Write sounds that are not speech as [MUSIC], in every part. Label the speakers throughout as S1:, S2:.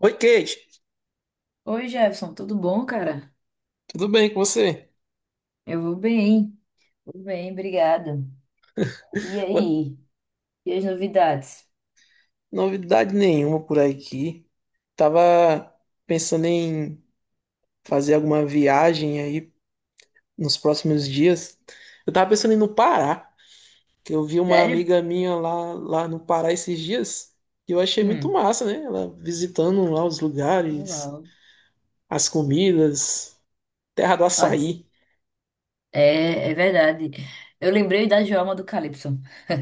S1: Oi, Kate.
S2: Oi, Jefferson, tudo bom, cara?
S1: Tudo bem com você?
S2: Eu vou bem, obrigada. E
S1: Ué.
S2: aí? E as novidades?
S1: Novidade nenhuma por aqui. Tava pensando em fazer alguma viagem aí nos próximos dias. Eu tava pensando em ir no Pará, que eu vi uma
S2: Sério?
S1: amiga minha lá, lá no Pará esses dias. E eu achei muito
S2: Hum,
S1: massa, né? Ela visitando lá os lugares,
S2: legal.
S1: as comidas, terra do
S2: Nossa,
S1: açaí.
S2: é verdade. Eu lembrei da Joelma do Calypso. [LAUGHS]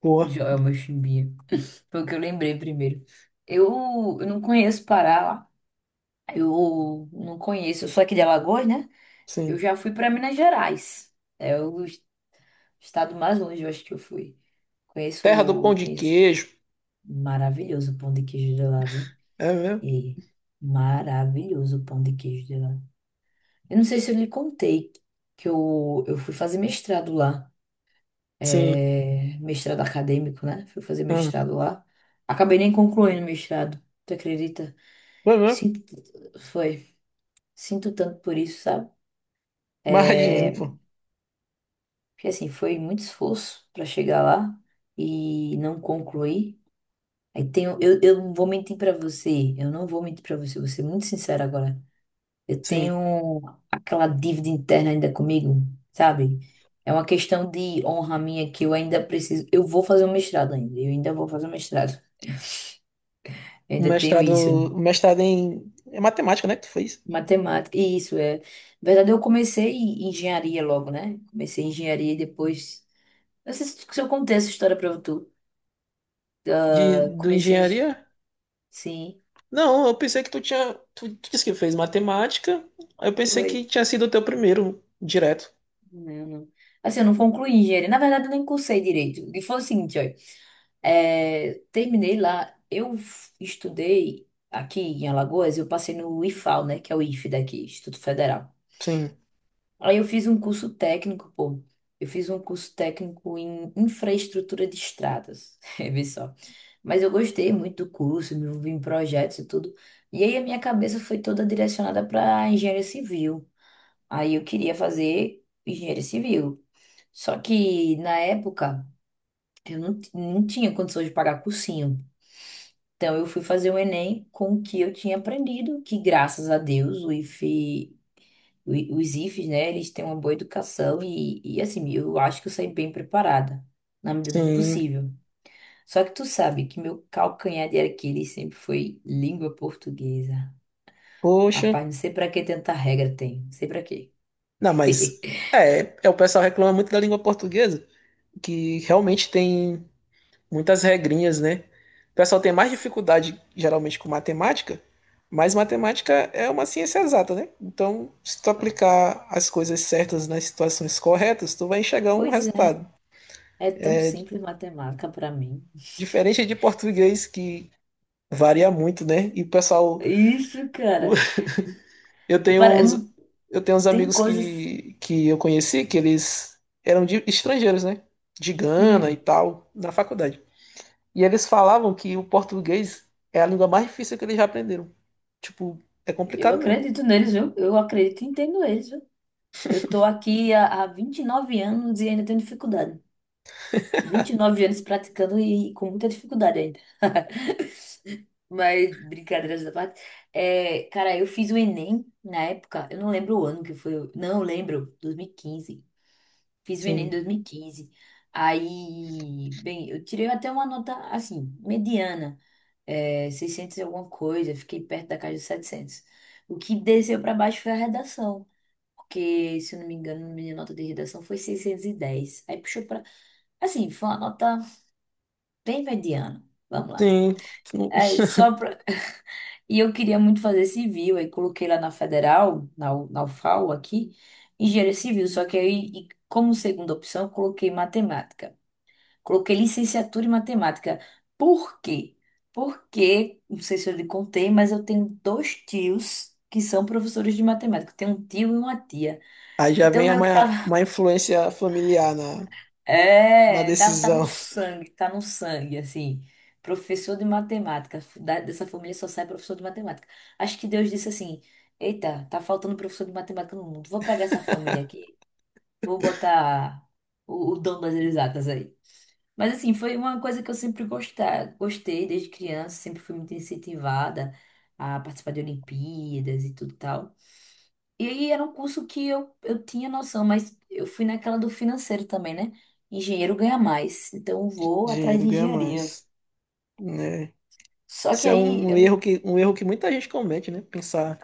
S1: Pô,
S2: Joelma Chimbinha. Foi o que eu lembrei primeiro. Eu não conheço Pará lá. Eu não conheço, eu sou aqui de Alagoas, né? Eu
S1: sim.
S2: já fui para Minas Gerais. É o estado mais longe, eu acho que eu fui.
S1: Terra do pão
S2: Conheço,
S1: de
S2: conheço.
S1: queijo.
S2: Maravilhoso o pão de queijo de lá, viu?
S1: É mesmo?
S2: E maravilhoso o pão de queijo de lá. Eu não sei se eu lhe contei que eu fui fazer mestrado lá.
S1: Sim.
S2: É, mestrado acadêmico, né? Fui fazer
S1: Ah,
S2: mestrado lá. Acabei nem concluindo o mestrado, tu acredita?
S1: foi mesmo?
S2: Sinto, foi. Sinto tanto por isso, sabe?
S1: Imagino,
S2: É,
S1: pô.
S2: porque assim, foi muito esforço para chegar lá e não concluir. Eu não vou mentir para você, eu não vou mentir para você, vou ser muito sincera agora. Eu
S1: Sim.
S2: tenho aquela dívida interna ainda comigo, sabe? É uma questão de honra minha que eu ainda preciso. Eu vou fazer um mestrado ainda. Eu ainda vou fazer um mestrado. Eu
S1: um
S2: ainda tenho
S1: mestrado,
S2: isso.
S1: um mestrado em matemática, né, que tu fez?
S2: Matemática. E isso é. Na verdade, eu comecei em engenharia logo, né? Comecei em engenharia e depois. Não sei se eu contei essa história pra tu.
S1: De,
S2: Eu
S1: do
S2: comecei.
S1: engenharia?
S2: Sim.
S1: Não, eu pensei que tu disse que fez matemática, aí eu pensei
S2: Foi.
S1: que tinha sido o teu primeiro direto.
S2: Eu não- Assim, eu não concluí engenharia. Na verdade, eu nem cursei direito. E foi o seguinte, olha. Terminei lá. Eu estudei aqui em Alagoas. Eu passei no IFAL, né? Que é o IFE daqui, Instituto Federal.
S1: Sim,
S2: Aí eu fiz um curso técnico, pô. Eu fiz um curso técnico em infraestrutura de estradas. [LAUGHS] Vê só. Mas eu gostei muito do curso, me envolvi em projetos e tudo. E aí a minha cabeça foi toda direcionada para engenharia civil. Aí eu queria fazer engenharia civil. Só que na época eu não tinha condições de pagar cursinho. Então eu fui fazer o Enem com o que eu tinha aprendido, que graças a Deus o IFE, os IFES, né, eles têm uma boa educação e assim, eu acho que eu saí bem preparada, na medida do
S1: sim,
S2: possível. Só que tu sabe que meu calcanhar de Aquiles sempre foi língua portuguesa.
S1: poxa.
S2: Rapaz, não sei pra que tanta regra tem, não sei pra quê.
S1: Não, mas
S2: [LAUGHS]
S1: é o pessoal reclama muito da língua portuguesa, que realmente tem muitas regrinhas, né? O pessoal tem mais dificuldade geralmente com matemática, mas matemática é uma ciência exata, né? Então, se tu aplicar as coisas certas nas situações corretas, tu vai enxergar um
S2: Pois é,
S1: resultado.
S2: é tão simples matemática pra mim.
S1: Diferente
S2: [LAUGHS]
S1: de português que varia muito, né? E o pessoal,
S2: Isso,
S1: o-
S2: cara.
S1: [LAUGHS] eu tenho
S2: Para,
S1: uns,
S2: não
S1: eu tenho uns
S2: tem
S1: amigos
S2: coisas.
S1: que eu conheci que eles eram de estrangeiros, né? De Gana e
S2: Hum,
S1: tal, na faculdade. E eles falavam que o português é a língua mais difícil que eles já aprenderam. Tipo, é
S2: eu
S1: complicado mesmo.
S2: acredito neles, viu? Eu acredito e entendo eles, viu? Eu tô aqui há 29 anos e ainda tenho dificuldade. 29 anos praticando e com muita dificuldade ainda. [LAUGHS] Mas, brincadeiras da parte. É, cara, eu fiz o Enem na época, eu não lembro o ano que foi. Não, eu lembro, 2015. Fiz o Enem em
S1: Sim.
S2: 2015. Aí, bem, eu tirei até uma nota, assim, mediana, 600 e alguma coisa, fiquei perto da casa dos 700. O que desceu para baixo foi a redação, porque, se eu não me engano, minha nota de redação foi 610. Aí puxou para. Assim, foi uma nota bem mediana. Vamos lá.
S1: Sim. Não-
S2: É, só pra... E eu queria muito fazer civil, aí coloquei lá na Federal, na UFAL aqui, engenharia civil, só que aí, e como segunda opção, eu coloquei matemática. Coloquei licenciatura em matemática. Por quê? Porque, não sei se eu lhe contei, mas eu tenho dois tios que são professores de matemática. Eu tenho um tio e uma tia.
S1: Aí já
S2: Então,
S1: vem
S2: meio que
S1: uma,
S2: tava. [LAUGHS]
S1: uma influência familiar na
S2: É, tá no
S1: decisão.
S2: sangue, tá no sangue, assim. Professor de matemática. Dessa família só sai professor de matemática. Acho que Deus disse assim: Eita, tá faltando professor de matemática no mundo. Vou pegar essa família aqui. Vou botar o dom das exatas aí. Mas assim, foi uma coisa que eu sempre gostei desde criança, sempre fui muito incentivada a participar de Olimpíadas e tudo tal. E aí era um curso que eu tinha noção, mas eu fui naquela do financeiro também, né? Engenheiro ganha mais, então
S1: [LAUGHS]
S2: vou atrás
S1: Dinheiro
S2: de
S1: ganha
S2: engenharia.
S1: mais, né?
S2: Só que
S1: Isso é
S2: aí
S1: um
S2: eu.
S1: erro que muita gente comete, né? Pensar,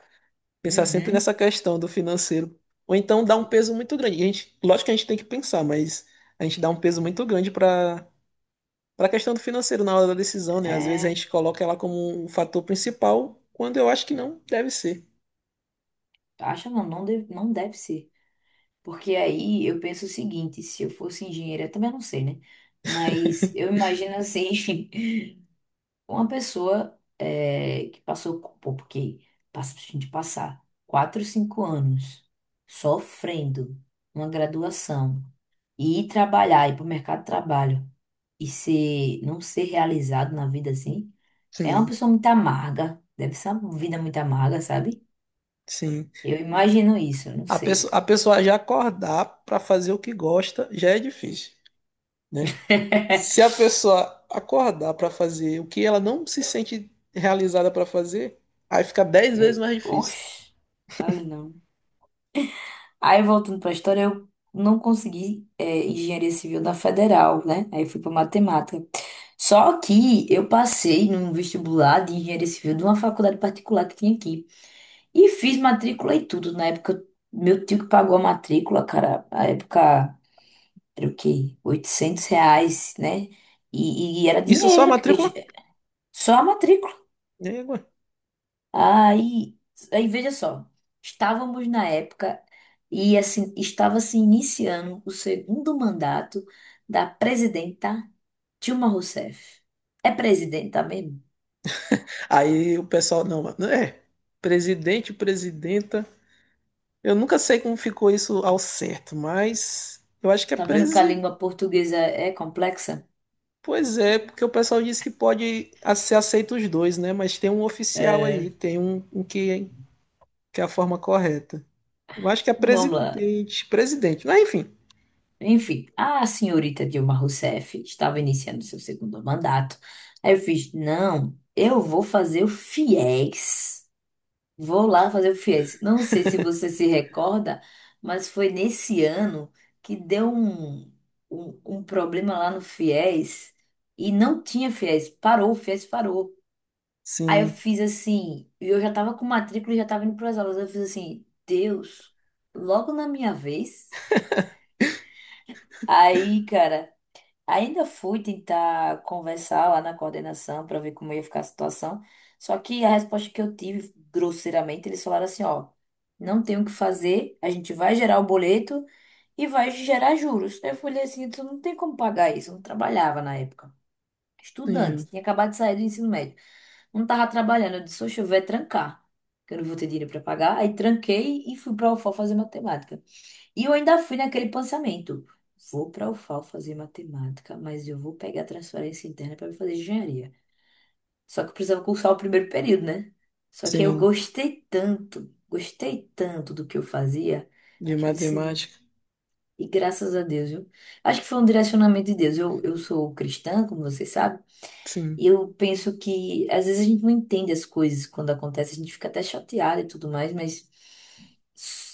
S1: pensar sempre nessa
S2: Uhum,
S1: questão do financeiro. Ou então dá um peso muito grande. A gente, lógico que a gente tem que pensar, mas a gente dá um peso muito grande para a questão do financeiro na hora da decisão, né? Às vezes a
S2: é.
S1: gente coloca ela como um fator principal, quando eu acho que não deve ser.
S2: Acha não, não deve, não deve ser. Porque aí eu penso o seguinte, se eu fosse engenheira, também eu não sei, né? Mas eu imagino assim, [LAUGHS] uma pessoa que passou, pô, porque passa, a gente passar 4, 5 anos sofrendo uma graduação e ir trabalhar, ir para o mercado de trabalho e não ser realizado na vida assim, é uma
S1: Sim,
S2: pessoa muito amarga. Deve ser uma vida muito amarga, sabe?
S1: sim.
S2: Eu imagino isso, eu não
S1: A pessoa,
S2: sei.
S1: a pessoa já acordar para fazer o que gosta já é difícil, né? Se a
S2: [LAUGHS]
S1: pessoa acordar para fazer o que ela não se sente realizada para fazer, aí fica 10 vezes
S2: É,
S1: mais difícil.
S2: oxe, olha não. Aí voltando para a história, eu não consegui engenharia civil na federal, né? Aí fui para matemática. Só que eu passei num vestibular de engenharia civil de uma faculdade particular que tinha aqui. E fiz matrícula e tudo. Na época, meu tio que pagou a matrícula, cara, na época era o quê? R$ 800, né? E era
S1: Isso é só a
S2: dinheiro.
S1: matrícula?
S2: Só a matrícula.
S1: Né?
S2: Aí, aí veja só, estávamos na época e assim estava se iniciando o segundo mandato da presidenta Dilma Rousseff. É presidenta mesmo?
S1: Aí o pessoal, não, mano, é presidente, presidenta. Eu nunca sei como ficou isso ao certo, mas eu acho que é
S2: Tá vendo que a
S1: presidente.
S2: língua portuguesa é complexa?
S1: Pois é, porque o pessoal disse que pode ser aceito os dois, né? Mas tem um oficial
S2: É.
S1: aí, tem um que é a forma correta. Eu acho que é
S2: Vamos lá.
S1: presidente, presidente, mas enfim.
S2: Enfim, a senhorita Dilma Rousseff estava iniciando seu segundo mandato. Aí eu fiz, não, eu vou fazer o Fiéis. Vou lá fazer o FIES. Não sei se você se recorda, mas foi nesse ano que deu um problema lá no FIES e não tinha FIES. Parou, o FIES parou. Aí eu
S1: Sim,
S2: fiz assim, e eu já tava com matrícula e já tava indo para as aulas. Eu fiz assim, Deus, logo na minha vez. Aí, cara. Ainda fui tentar conversar lá na coordenação para ver como ia ficar a situação. Só que a resposta que eu tive, grosseiramente, eles falaram assim, ó, não tem o que fazer, a gente vai gerar o boleto e vai gerar juros. Eu falei assim, tu não tem como pagar isso, eu não trabalhava na época. Estudante,
S1: sim,
S2: tinha acabado de sair do ensino médio, não tava trabalhando. Eu disse, oxe, eu vou é trancar, que eu não vou ter dinheiro para pagar. Aí tranquei e fui para a UFO fazer matemática. E eu ainda fui naquele pensamento. Vou para a UFAL fazer matemática, mas eu vou pegar a transferência interna para fazer engenharia. Só que eu precisava cursar o primeiro período, né? Só que aí eu
S1: sim.
S2: gostei tanto do que eu fazia,
S1: De
S2: que eu disse,
S1: matemática,
S2: e graças a Deus, viu? Acho que foi um direcionamento de Deus. Eu sou cristã, como você sabe,
S1: sim.
S2: e eu penso que às vezes a gente não entende as coisas quando acontece, a gente fica até chateada e tudo mais, mas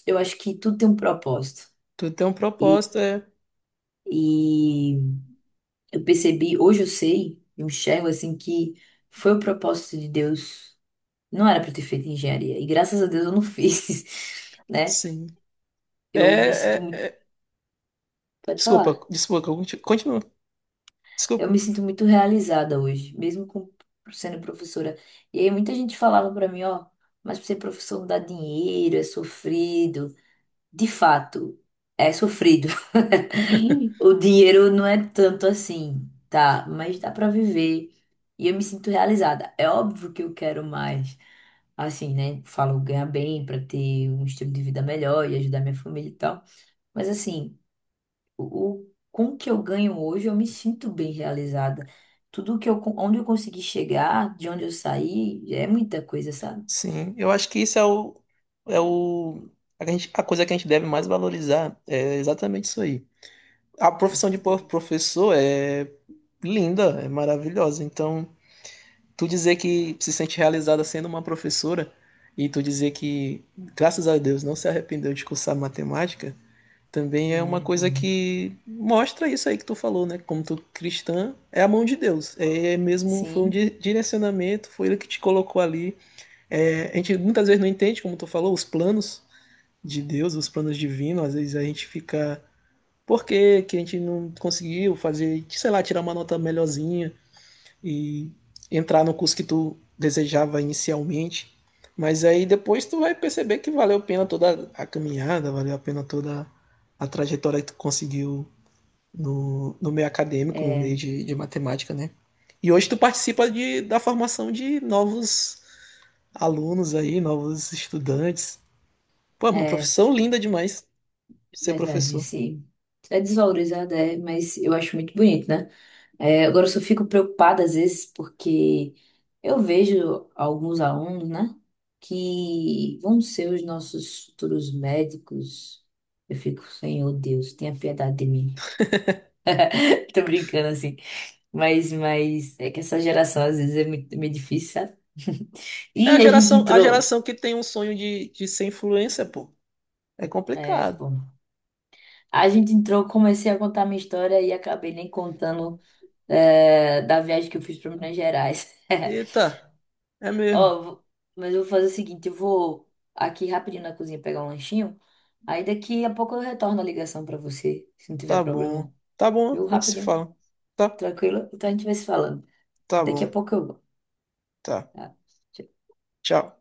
S2: eu acho que tudo tem um propósito.
S1: Tu tem um
S2: E,
S1: propósito, é.
S2: e Eu percebi, hoje eu sei, eu enxergo assim que foi o propósito de Deus. Não era pra eu ter feito engenharia. E graças a Deus eu não [LAUGHS] fiz, né?
S1: Sim. É,
S2: Eu me sinto
S1: é,
S2: muito,
S1: é-
S2: pode
S1: Desculpa,
S2: falar.
S1: desculpa, que eu conti- continua
S2: Eu
S1: Desculpa.
S2: me sinto muito realizada hoje, mesmo com sendo professora. E aí muita gente falava pra mim, ó, mas pra ser professor não dá dinheiro, é sofrido. De fato, é sofrido. [LAUGHS] O dinheiro não é tanto assim, tá? Mas dá pra viver. E eu me sinto realizada. É óbvio que eu quero mais. Assim, né? Falo ganhar bem pra ter um estilo de vida melhor e ajudar minha família e tal. Mas assim, o, com o que eu ganho hoje, eu me sinto bem realizada. Tudo que eu, onde eu consegui chegar, de onde eu saí, é muita coisa, sabe?
S1: Sim, eu acho que isso é é o, a coisa que a gente deve mais valorizar é exatamente isso aí. A
S2: Com
S1: profissão de po-
S2: certeza.
S1: professor é linda, é maravilhosa. Então, tu dizer que se sente realizada sendo uma professora e tu dizer que, graças a Deus, não se arrependeu de cursar matemática, também é
S2: Não me
S1: uma coisa
S2: arrependo.
S1: que mostra isso aí que tu falou, né? Como tu cristã, é a mão de Deus. É mesmo, foi um
S2: Sim,
S1: direcionamento, foi ele que te colocou ali. É, a gente muitas vezes não entende, como tu falou, os planos de Deus, os planos divinos. Às vezes a gente fica: por que que a gente não conseguiu fazer, sei lá, tirar uma nota melhorzinha e entrar no curso que tu desejava inicialmente? Mas aí depois tu vai perceber que valeu a pena toda a caminhada, valeu a pena toda a trajetória que tu conseguiu no meio acadêmico, no meio de matemática, né? E hoje tu participa da formação de novos alunos aí, novos estudantes. Pô, é uma
S2: é.
S1: profissão linda demais ser
S2: Verdade,
S1: professor.
S2: sim. É desvalorizada, é, mas eu acho muito bonito, né? É, agora eu só fico preocupada às vezes porque eu vejo alguns alunos, né, que vão ser os nossos futuros médicos. Eu fico, Senhor Deus, tenha piedade de mim. [LAUGHS] Tô brincando assim. Mas é que essa geração às vezes é meio difícil, sabe? [LAUGHS]
S1: É
S2: E a gente
S1: a
S2: entrou.
S1: geração que tem um sonho de ser influencer, pô. É
S2: É,
S1: complicado.
S2: pô. A gente entrou, comecei a contar minha história e acabei nem contando da viagem que eu fiz para Minas Gerais. [LAUGHS]
S1: Eita, é mesmo.
S2: Ó, mas eu vou fazer o seguinte, eu vou aqui rapidinho na cozinha pegar um lanchinho, aí daqui a pouco eu retorno a ligação para você, se não tiver
S1: Tá bom.
S2: problema.
S1: Tá bom,
S2: Viu?
S1: a gente se
S2: Rapidinho,
S1: fala. Tá?
S2: tranquilo? Então a gente vai se falando.
S1: Tá
S2: Daqui a
S1: bom.
S2: pouco eu vou.
S1: Tá.
S2: Tá? Tchau.
S1: Tchau.